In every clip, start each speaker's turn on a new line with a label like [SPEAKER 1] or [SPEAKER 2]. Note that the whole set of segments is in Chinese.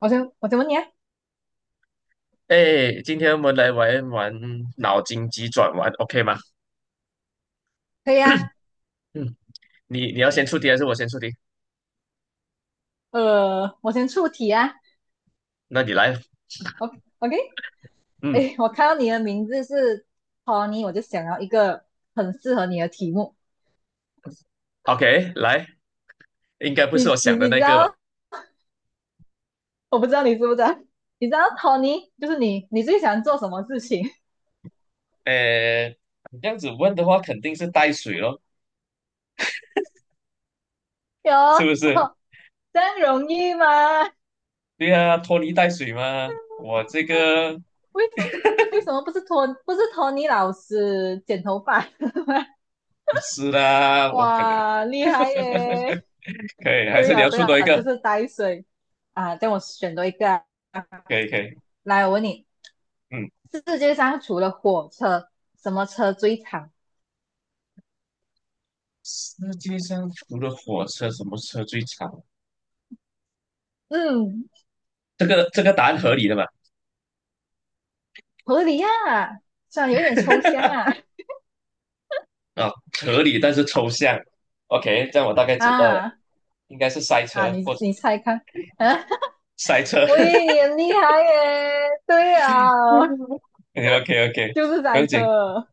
[SPEAKER 1] 我先问你啊。
[SPEAKER 2] 哎，今天我们来玩玩脑筋急转弯，OK 吗？
[SPEAKER 1] 可以啊。
[SPEAKER 2] 嗯，你要先出题还是我先出题？
[SPEAKER 1] 我先出题啊
[SPEAKER 2] 那你来，
[SPEAKER 1] ，OK OK。
[SPEAKER 2] 嗯
[SPEAKER 1] 哎，我看到你的名字是 Tony，我就想要一个很适合你的题目。
[SPEAKER 2] ，OK，来，应该不是我
[SPEAKER 1] 你你
[SPEAKER 2] 想的
[SPEAKER 1] 你知
[SPEAKER 2] 那个吧？
[SPEAKER 1] 道，我不知道你知不知道，你知道 Tony 就是你，你最想做什么事情？
[SPEAKER 2] 哎，你这样子问的话，肯定是带水咯，
[SPEAKER 1] 有
[SPEAKER 2] 是不 是？
[SPEAKER 1] 这样容易吗？
[SPEAKER 2] 对啊，拖泥带水嘛。我这个
[SPEAKER 1] 为什么为什么不是Tony 老师剪头发？
[SPEAKER 2] 不是啦，我可能
[SPEAKER 1] 哇，厉害耶！
[SPEAKER 2] 可以，还
[SPEAKER 1] 对
[SPEAKER 2] 是你
[SPEAKER 1] 呀、
[SPEAKER 2] 要
[SPEAKER 1] 对
[SPEAKER 2] 出
[SPEAKER 1] 呀、
[SPEAKER 2] 多一
[SPEAKER 1] 就
[SPEAKER 2] 个？
[SPEAKER 1] 是呆水啊，这样我选多一个啊。
[SPEAKER 2] 可以可以，
[SPEAKER 1] 来，我问你，
[SPEAKER 2] 嗯，
[SPEAKER 1] 世界上除了火车，什么车最长？
[SPEAKER 2] 世界上除了火车，什么车最长？
[SPEAKER 1] 嗯，
[SPEAKER 2] 这个答案合理的嘛？
[SPEAKER 1] 合理呀、啊虽然有一点抽象 啊。
[SPEAKER 2] 啊，合理但是抽象。OK，这样我大概 知道了，
[SPEAKER 1] 啊
[SPEAKER 2] 应该是塞
[SPEAKER 1] 啊，
[SPEAKER 2] 车
[SPEAKER 1] 你
[SPEAKER 2] 或者
[SPEAKER 1] 你猜看。啊，
[SPEAKER 2] 塞车。
[SPEAKER 1] 我以 为你很厉害耶，对啊，
[SPEAKER 2] OK OK，
[SPEAKER 1] 就是
[SPEAKER 2] 不
[SPEAKER 1] 赛
[SPEAKER 2] 用紧，
[SPEAKER 1] 车。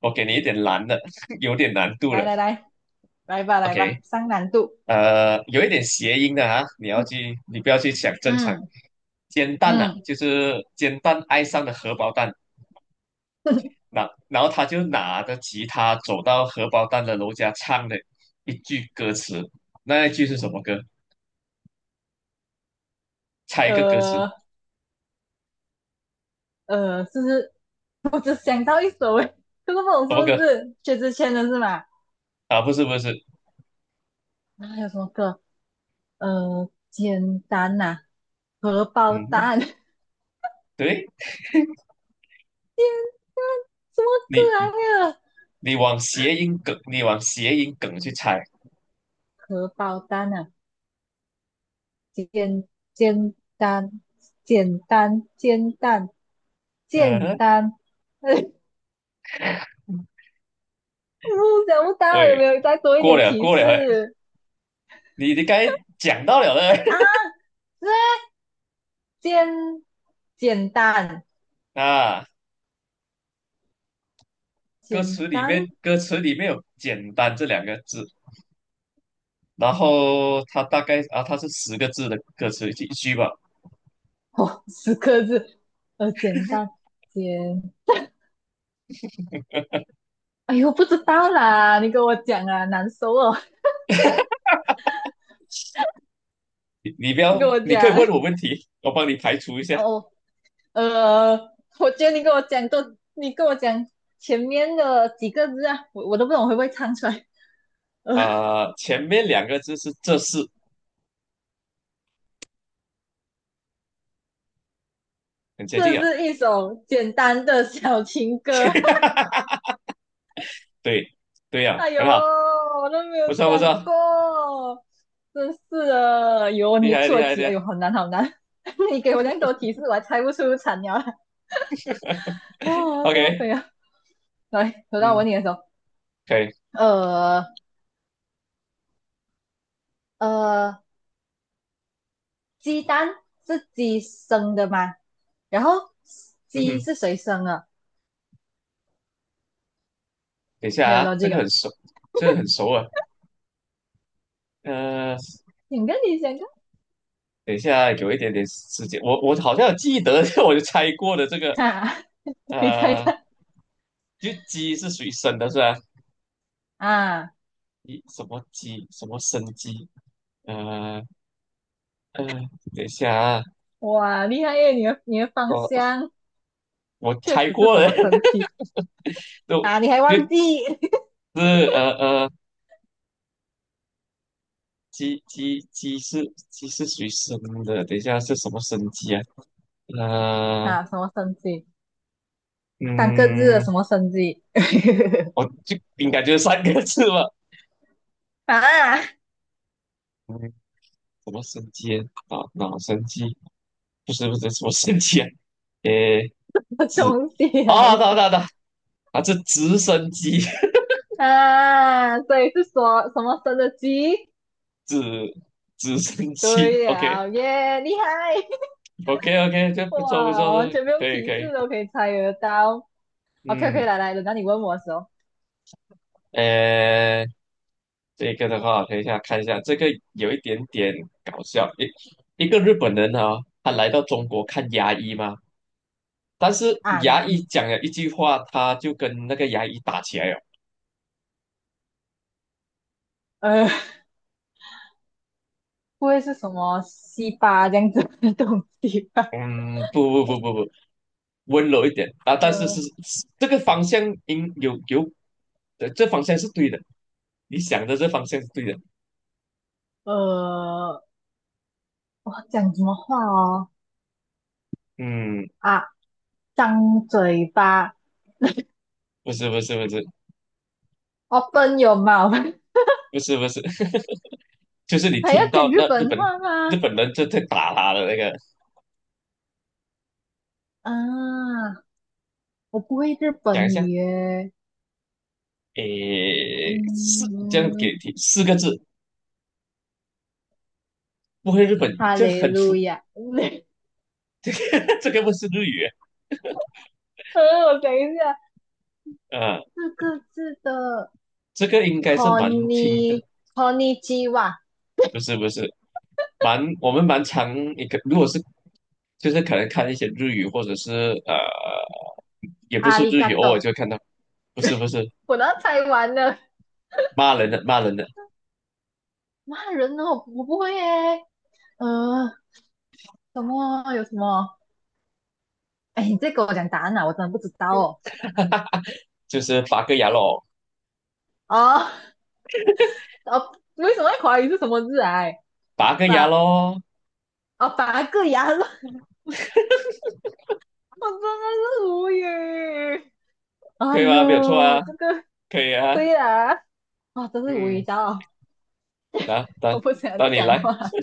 [SPEAKER 2] 我给你一点难的，有点难度
[SPEAKER 1] 来
[SPEAKER 2] 的。
[SPEAKER 1] 来来，来吧来
[SPEAKER 2] OK，
[SPEAKER 1] 吧，上难度。
[SPEAKER 2] 有一点谐音的啊，你要去，你不要去想正常。
[SPEAKER 1] 嗯
[SPEAKER 2] 煎蛋呐、啊，
[SPEAKER 1] 嗯，
[SPEAKER 2] 就是煎蛋爱上了荷包蛋，那然后他就拿着吉他走到荷包蛋的楼下唱了一句歌词，那一句是什么歌？猜一个歌词，
[SPEAKER 1] 呃是不是？我只想到一首诶，这个不懂
[SPEAKER 2] 什
[SPEAKER 1] 是
[SPEAKER 2] 么歌？
[SPEAKER 1] 不是薛之谦的是吗？
[SPEAKER 2] 啊，不是不是，
[SPEAKER 1] 啊，还有什么歌？简单呐、荷包
[SPEAKER 2] 嗯，
[SPEAKER 1] 蛋，什
[SPEAKER 2] 对
[SPEAKER 1] 么可
[SPEAKER 2] 你
[SPEAKER 1] 爱啊？
[SPEAKER 2] 你往谐音梗，你往谐音梗去猜。
[SPEAKER 1] 荷包蛋呐、啊简简单，简单，煎蛋，
[SPEAKER 2] 嗯
[SPEAKER 1] 简
[SPEAKER 2] 哼，
[SPEAKER 1] 单。哎，我想不到有没
[SPEAKER 2] 喂，
[SPEAKER 1] 有再多一
[SPEAKER 2] 过
[SPEAKER 1] 点
[SPEAKER 2] 了
[SPEAKER 1] 提
[SPEAKER 2] 过了，
[SPEAKER 1] 示
[SPEAKER 2] 你该讲到了嘞
[SPEAKER 1] 啊？这简简单，
[SPEAKER 2] 啊。歌
[SPEAKER 1] 简
[SPEAKER 2] 词里
[SPEAKER 1] 单，
[SPEAKER 2] 面，歌词里面有“简单”这两个字，然后它大概啊，它是十个字的歌词一句吧。
[SPEAKER 1] 哦，十个字，简单，简，哎呦，不知道啦，你跟我讲啊，难受哦，
[SPEAKER 2] 你不
[SPEAKER 1] 你
[SPEAKER 2] 要，
[SPEAKER 1] 跟我
[SPEAKER 2] 你可以问
[SPEAKER 1] 讲。
[SPEAKER 2] 我问题，我帮你排除一下
[SPEAKER 1] 呃，我觉得你跟我讲多，你跟我讲前面的几个字啊，我都不懂会不会唱出来。呃，
[SPEAKER 2] 啊、前面两个字是“这是”，很接
[SPEAKER 1] 这
[SPEAKER 2] 近啊。
[SPEAKER 1] 是一首简单的小情歌。
[SPEAKER 2] 对对呀、
[SPEAKER 1] 哎呦，
[SPEAKER 2] 很好，
[SPEAKER 1] 我都没
[SPEAKER 2] 不
[SPEAKER 1] 有
[SPEAKER 2] 错不
[SPEAKER 1] 讲
[SPEAKER 2] 错，
[SPEAKER 1] 过，真是的。有
[SPEAKER 2] 厉
[SPEAKER 1] 你
[SPEAKER 2] 害厉
[SPEAKER 1] 出
[SPEAKER 2] 害厉
[SPEAKER 1] 题，哎呦，
[SPEAKER 2] 害。
[SPEAKER 1] 好难好难。你给我那么多提示，我还猜不出惨鸟啊，哦，掉
[SPEAKER 2] OK，
[SPEAKER 1] 飞啊！来，轮到我
[SPEAKER 2] 嗯，
[SPEAKER 1] 问你的时候，
[SPEAKER 2] 可以，
[SPEAKER 1] 呃呃，鸡蛋是鸡生的吗？然后
[SPEAKER 2] 嗯
[SPEAKER 1] 鸡
[SPEAKER 2] 哼。
[SPEAKER 1] 是谁生的？
[SPEAKER 2] 等一下
[SPEAKER 1] 没有
[SPEAKER 2] 啊，
[SPEAKER 1] 到
[SPEAKER 2] 这
[SPEAKER 1] 这
[SPEAKER 2] 个
[SPEAKER 1] 个，
[SPEAKER 2] 很熟，这个很熟啊。呃，
[SPEAKER 1] 想跟你想
[SPEAKER 2] 等一下有一点点时间，我好像有记得，我就猜过的这个，
[SPEAKER 1] 看啊，你猜
[SPEAKER 2] 呃，
[SPEAKER 1] 看
[SPEAKER 2] 就鸡是属于生的是吧？
[SPEAKER 1] 啊，
[SPEAKER 2] 一什么鸡，什么生鸡？呃呃，等一下啊，
[SPEAKER 1] 哇，厉害耶！你的方
[SPEAKER 2] 呃，
[SPEAKER 1] 向
[SPEAKER 2] 我
[SPEAKER 1] 确
[SPEAKER 2] 猜
[SPEAKER 1] 实是
[SPEAKER 2] 过
[SPEAKER 1] 什
[SPEAKER 2] 了，
[SPEAKER 1] 么生 机
[SPEAKER 2] 就
[SPEAKER 1] 啊？你还
[SPEAKER 2] 就
[SPEAKER 1] 忘记
[SPEAKER 2] 是呃呃，鸡是鸡是属于生的，等一下是什么生鸡啊？呃
[SPEAKER 1] 啊？什么生机？3个字的什
[SPEAKER 2] 嗯，
[SPEAKER 1] 么生机
[SPEAKER 2] 我 就应该就是三个字吧。
[SPEAKER 1] 啊？
[SPEAKER 2] 什么生机啊？脑神机不是不是什么生机啊？诶，子
[SPEAKER 1] 东西来
[SPEAKER 2] 啊，到到到，啊，这直升机，
[SPEAKER 1] 啊！所以是说什么生的鸡？
[SPEAKER 2] 直直升机
[SPEAKER 1] 对
[SPEAKER 2] ，OK
[SPEAKER 1] 了耶，厉害！
[SPEAKER 2] OK OK，这不错不
[SPEAKER 1] 哇，
[SPEAKER 2] 错，
[SPEAKER 1] 完全不
[SPEAKER 2] 可
[SPEAKER 1] 用
[SPEAKER 2] 以
[SPEAKER 1] 提
[SPEAKER 2] 可以，
[SPEAKER 1] 示都可以猜得到。OK
[SPEAKER 2] 嗯，
[SPEAKER 1] OK,来来，轮到你问我的时候
[SPEAKER 2] 诶，这个的话，等一下看一下，这个有一点点搞笑，一个日本人啊，他来到中国看牙医嘛，但是
[SPEAKER 1] 啊，
[SPEAKER 2] 牙
[SPEAKER 1] 压
[SPEAKER 2] 医
[SPEAKER 1] 抑。
[SPEAKER 2] 讲了一句话，他就跟那个牙医打起来了。
[SPEAKER 1] 呃，不会是什么西巴这样子的东西吧？
[SPEAKER 2] 嗯，不不不不不，温柔一点啊，但是是
[SPEAKER 1] 呃
[SPEAKER 2] 是这个方向应有有，对，这方向是对的，你想的这方向是对的。
[SPEAKER 1] 呃，我讲什么话哦？
[SPEAKER 2] 嗯，
[SPEAKER 1] 啊，张嘴巴
[SPEAKER 2] 不是不是不是
[SPEAKER 1] ，open your mouth,
[SPEAKER 2] 不是不是，就是 你
[SPEAKER 1] 还要
[SPEAKER 2] 听到
[SPEAKER 1] 讲日
[SPEAKER 2] 那日
[SPEAKER 1] 本
[SPEAKER 2] 本
[SPEAKER 1] 话
[SPEAKER 2] 日
[SPEAKER 1] 吗？
[SPEAKER 2] 本人就在打他的那个，
[SPEAKER 1] 啊，我不会日
[SPEAKER 2] 讲一
[SPEAKER 1] 本
[SPEAKER 2] 下，
[SPEAKER 1] 语耶。
[SPEAKER 2] 诶，四这样
[SPEAKER 1] 嗯，
[SPEAKER 2] 给提四个字，不会日本
[SPEAKER 1] 哈
[SPEAKER 2] 就
[SPEAKER 1] 利
[SPEAKER 2] 很
[SPEAKER 1] 路
[SPEAKER 2] 粗，
[SPEAKER 1] 亚。
[SPEAKER 2] 这个不是日语
[SPEAKER 1] 呃，我想一下，
[SPEAKER 2] 啊，
[SPEAKER 1] 4个字的
[SPEAKER 2] 这个应该
[SPEAKER 1] c
[SPEAKER 2] 是
[SPEAKER 1] o n
[SPEAKER 2] 蛮
[SPEAKER 1] n
[SPEAKER 2] 轻
[SPEAKER 1] i c
[SPEAKER 2] 的，
[SPEAKER 1] o n i c h i w a
[SPEAKER 2] 不是不是。蛮我们蛮常一个，如果是就是可能看一些日语，或者是呃，也不
[SPEAKER 1] 阿
[SPEAKER 2] 是
[SPEAKER 1] 里
[SPEAKER 2] 日
[SPEAKER 1] 嘎
[SPEAKER 2] 语，偶尔
[SPEAKER 1] 多，
[SPEAKER 2] 就看到，不是不是
[SPEAKER 1] 我都猜完了。
[SPEAKER 2] 骂人的，
[SPEAKER 1] 骂人哦，我不会耶。呃，什么啊？有什么？哎，你再给我讲答案啊，我真的不知道哦。
[SPEAKER 2] 就是拔个牙咯，
[SPEAKER 1] 啊，哦，为什么会怀疑是什么字癌？哎
[SPEAKER 2] 拔个牙
[SPEAKER 1] 八
[SPEAKER 2] 咯，
[SPEAKER 1] 啊，八个牙肉，我真的是无语。哎
[SPEAKER 2] 可以
[SPEAKER 1] 呦，
[SPEAKER 2] 吗？没有错啊，
[SPEAKER 1] 这个
[SPEAKER 2] 可以啊，
[SPEAKER 1] 对啦，啊，真是无语
[SPEAKER 2] 嗯，
[SPEAKER 1] 到
[SPEAKER 2] 来，
[SPEAKER 1] 我
[SPEAKER 2] 到
[SPEAKER 1] 不想
[SPEAKER 2] 到你
[SPEAKER 1] 讲
[SPEAKER 2] 来，
[SPEAKER 1] 话。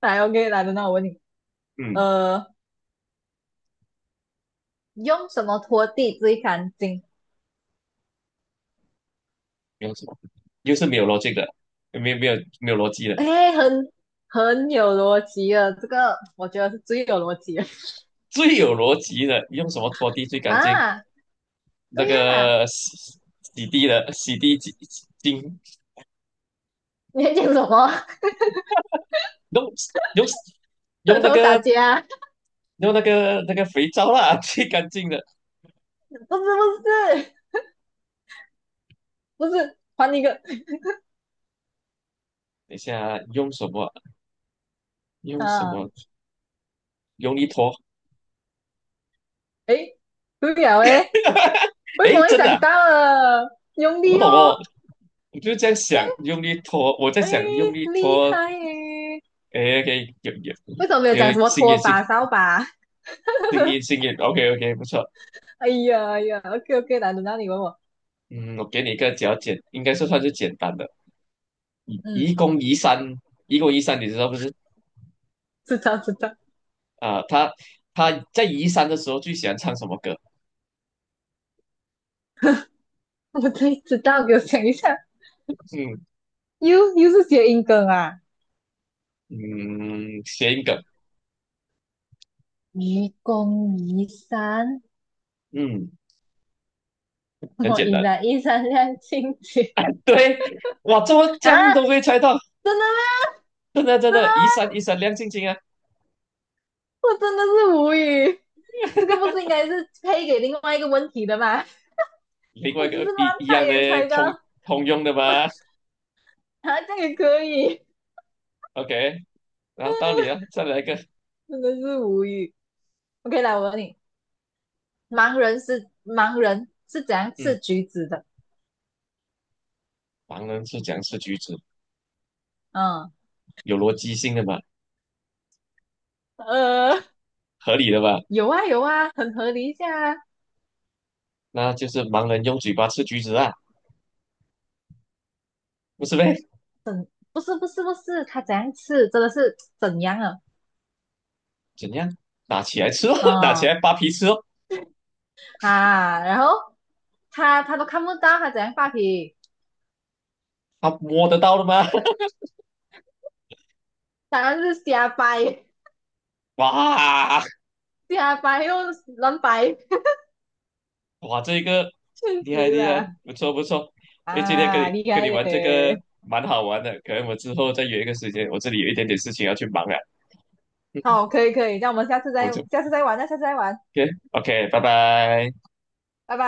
[SPEAKER 1] 来，OK,来，等到我问你，
[SPEAKER 2] 嗯，
[SPEAKER 1] 呃，用什么拖地最干净？
[SPEAKER 2] 没有什么，又是没有逻辑的，没有没有逻辑的，
[SPEAKER 1] 哎，很有逻辑的，这个我觉得是最有逻辑的
[SPEAKER 2] 最有逻辑的，用什么拖地最干净？
[SPEAKER 1] 啊。
[SPEAKER 2] 那
[SPEAKER 1] 对呀，
[SPEAKER 2] 个洗洗地的洗地精
[SPEAKER 1] 你在讲什么？
[SPEAKER 2] 用用
[SPEAKER 1] 舌
[SPEAKER 2] 用那
[SPEAKER 1] 头打
[SPEAKER 2] 个
[SPEAKER 1] 架，
[SPEAKER 2] 用那个那个肥皂啦，最干净的。
[SPEAKER 1] 不是不是，还一个。
[SPEAKER 2] 等一下用什么？用什
[SPEAKER 1] 啊，
[SPEAKER 2] 么？用力拖。
[SPEAKER 1] 诶，对了诶，为什么
[SPEAKER 2] 诶，
[SPEAKER 1] 会
[SPEAKER 2] 真的
[SPEAKER 1] 想
[SPEAKER 2] 啊、
[SPEAKER 1] 到了？用
[SPEAKER 2] 我不
[SPEAKER 1] 力
[SPEAKER 2] 懂
[SPEAKER 1] 哦，
[SPEAKER 2] 哦。我就这样
[SPEAKER 1] 这
[SPEAKER 2] 想，
[SPEAKER 1] 样
[SPEAKER 2] 用力拖。我在
[SPEAKER 1] 诶，
[SPEAKER 2] 想用力
[SPEAKER 1] 厉
[SPEAKER 2] 拖。
[SPEAKER 1] 害诶。
[SPEAKER 2] 诶 o k 有有
[SPEAKER 1] 为什么没有讲
[SPEAKER 2] 有，
[SPEAKER 1] 什么
[SPEAKER 2] 经
[SPEAKER 1] 拖
[SPEAKER 2] 验经
[SPEAKER 1] 把、扫把？
[SPEAKER 2] 经验。OK OK，不错。
[SPEAKER 1] 哎呀哎呀，OK OK,难轮到你问我。
[SPEAKER 2] 嗯，我给你一个比较简，应该是算是简单的。移
[SPEAKER 1] 嗯，
[SPEAKER 2] 移宫移山，移宫移山，你知道不是？
[SPEAKER 1] 知道知道，
[SPEAKER 2] 啊、他他在移山的时候最喜欢唱什么歌？
[SPEAKER 1] 我真知道，给我讲一下，
[SPEAKER 2] 嗯
[SPEAKER 1] 又是谐音梗啊。
[SPEAKER 2] 嗯，谐音梗。
[SPEAKER 1] 愚公移山，
[SPEAKER 2] 嗯，很
[SPEAKER 1] 我
[SPEAKER 2] 简
[SPEAKER 1] 依
[SPEAKER 2] 单。
[SPEAKER 1] 然依山亮晶晶
[SPEAKER 2] 对，哇，这么这
[SPEAKER 1] 啊！
[SPEAKER 2] 样都会猜到，
[SPEAKER 1] 真的吗？
[SPEAKER 2] 真的真
[SPEAKER 1] 真的
[SPEAKER 2] 的，一
[SPEAKER 1] 吗？
[SPEAKER 2] 闪一闪亮晶晶啊！
[SPEAKER 1] 我真的是无语，这个不是应该是配给另外一个问题的吗？
[SPEAKER 2] 另外
[SPEAKER 1] 我
[SPEAKER 2] 一
[SPEAKER 1] 只是
[SPEAKER 2] 个一
[SPEAKER 1] 乱
[SPEAKER 2] 一
[SPEAKER 1] 猜
[SPEAKER 2] 样的
[SPEAKER 1] 也猜
[SPEAKER 2] 通
[SPEAKER 1] 到，
[SPEAKER 2] 通用的吧
[SPEAKER 1] 我啊这样也可以，
[SPEAKER 2] ？OK，然后到你 了，再来一个。
[SPEAKER 1] 真的是无语。OK,来我问你，盲人是怎样
[SPEAKER 2] 嗯，
[SPEAKER 1] 吃橘子的？
[SPEAKER 2] 盲人是讲吃橘子？
[SPEAKER 1] 嗯
[SPEAKER 2] 有逻辑性的嘛，
[SPEAKER 1] 呃，
[SPEAKER 2] 合理的吧？
[SPEAKER 1] 有啊有啊，很合理一下啊。
[SPEAKER 2] 那就是盲人用嘴巴吃橘子啊，不是呗？
[SPEAKER 1] 不是不是不是，他怎样吃真的是怎样啊？
[SPEAKER 2] 怎样？拿起来吃哦，拿起
[SPEAKER 1] 哦
[SPEAKER 2] 来扒皮吃哦，
[SPEAKER 1] 啊，然后他都看不到他怎样发脾
[SPEAKER 2] 他摸得到的吗？
[SPEAKER 1] 当然是瞎掰
[SPEAKER 2] 哇，
[SPEAKER 1] 瞎掰又乱掰。
[SPEAKER 2] 哇，这个
[SPEAKER 1] 确
[SPEAKER 2] 厉害
[SPEAKER 1] 实
[SPEAKER 2] 厉害，
[SPEAKER 1] 啦，
[SPEAKER 2] 不错不错。哎，今天跟你
[SPEAKER 1] 啊，厉
[SPEAKER 2] 跟
[SPEAKER 1] 害
[SPEAKER 2] 你玩这个
[SPEAKER 1] 耶。
[SPEAKER 2] 蛮好玩的，可能我之后再约一个时间，我这里有一点点事情要去忙了，
[SPEAKER 1] 好，可以可以，那我们下次
[SPEAKER 2] 我
[SPEAKER 1] 再
[SPEAKER 2] 就
[SPEAKER 1] 下次再玩，那下次再玩，
[SPEAKER 2] OK OK，拜拜。
[SPEAKER 1] 拜拜。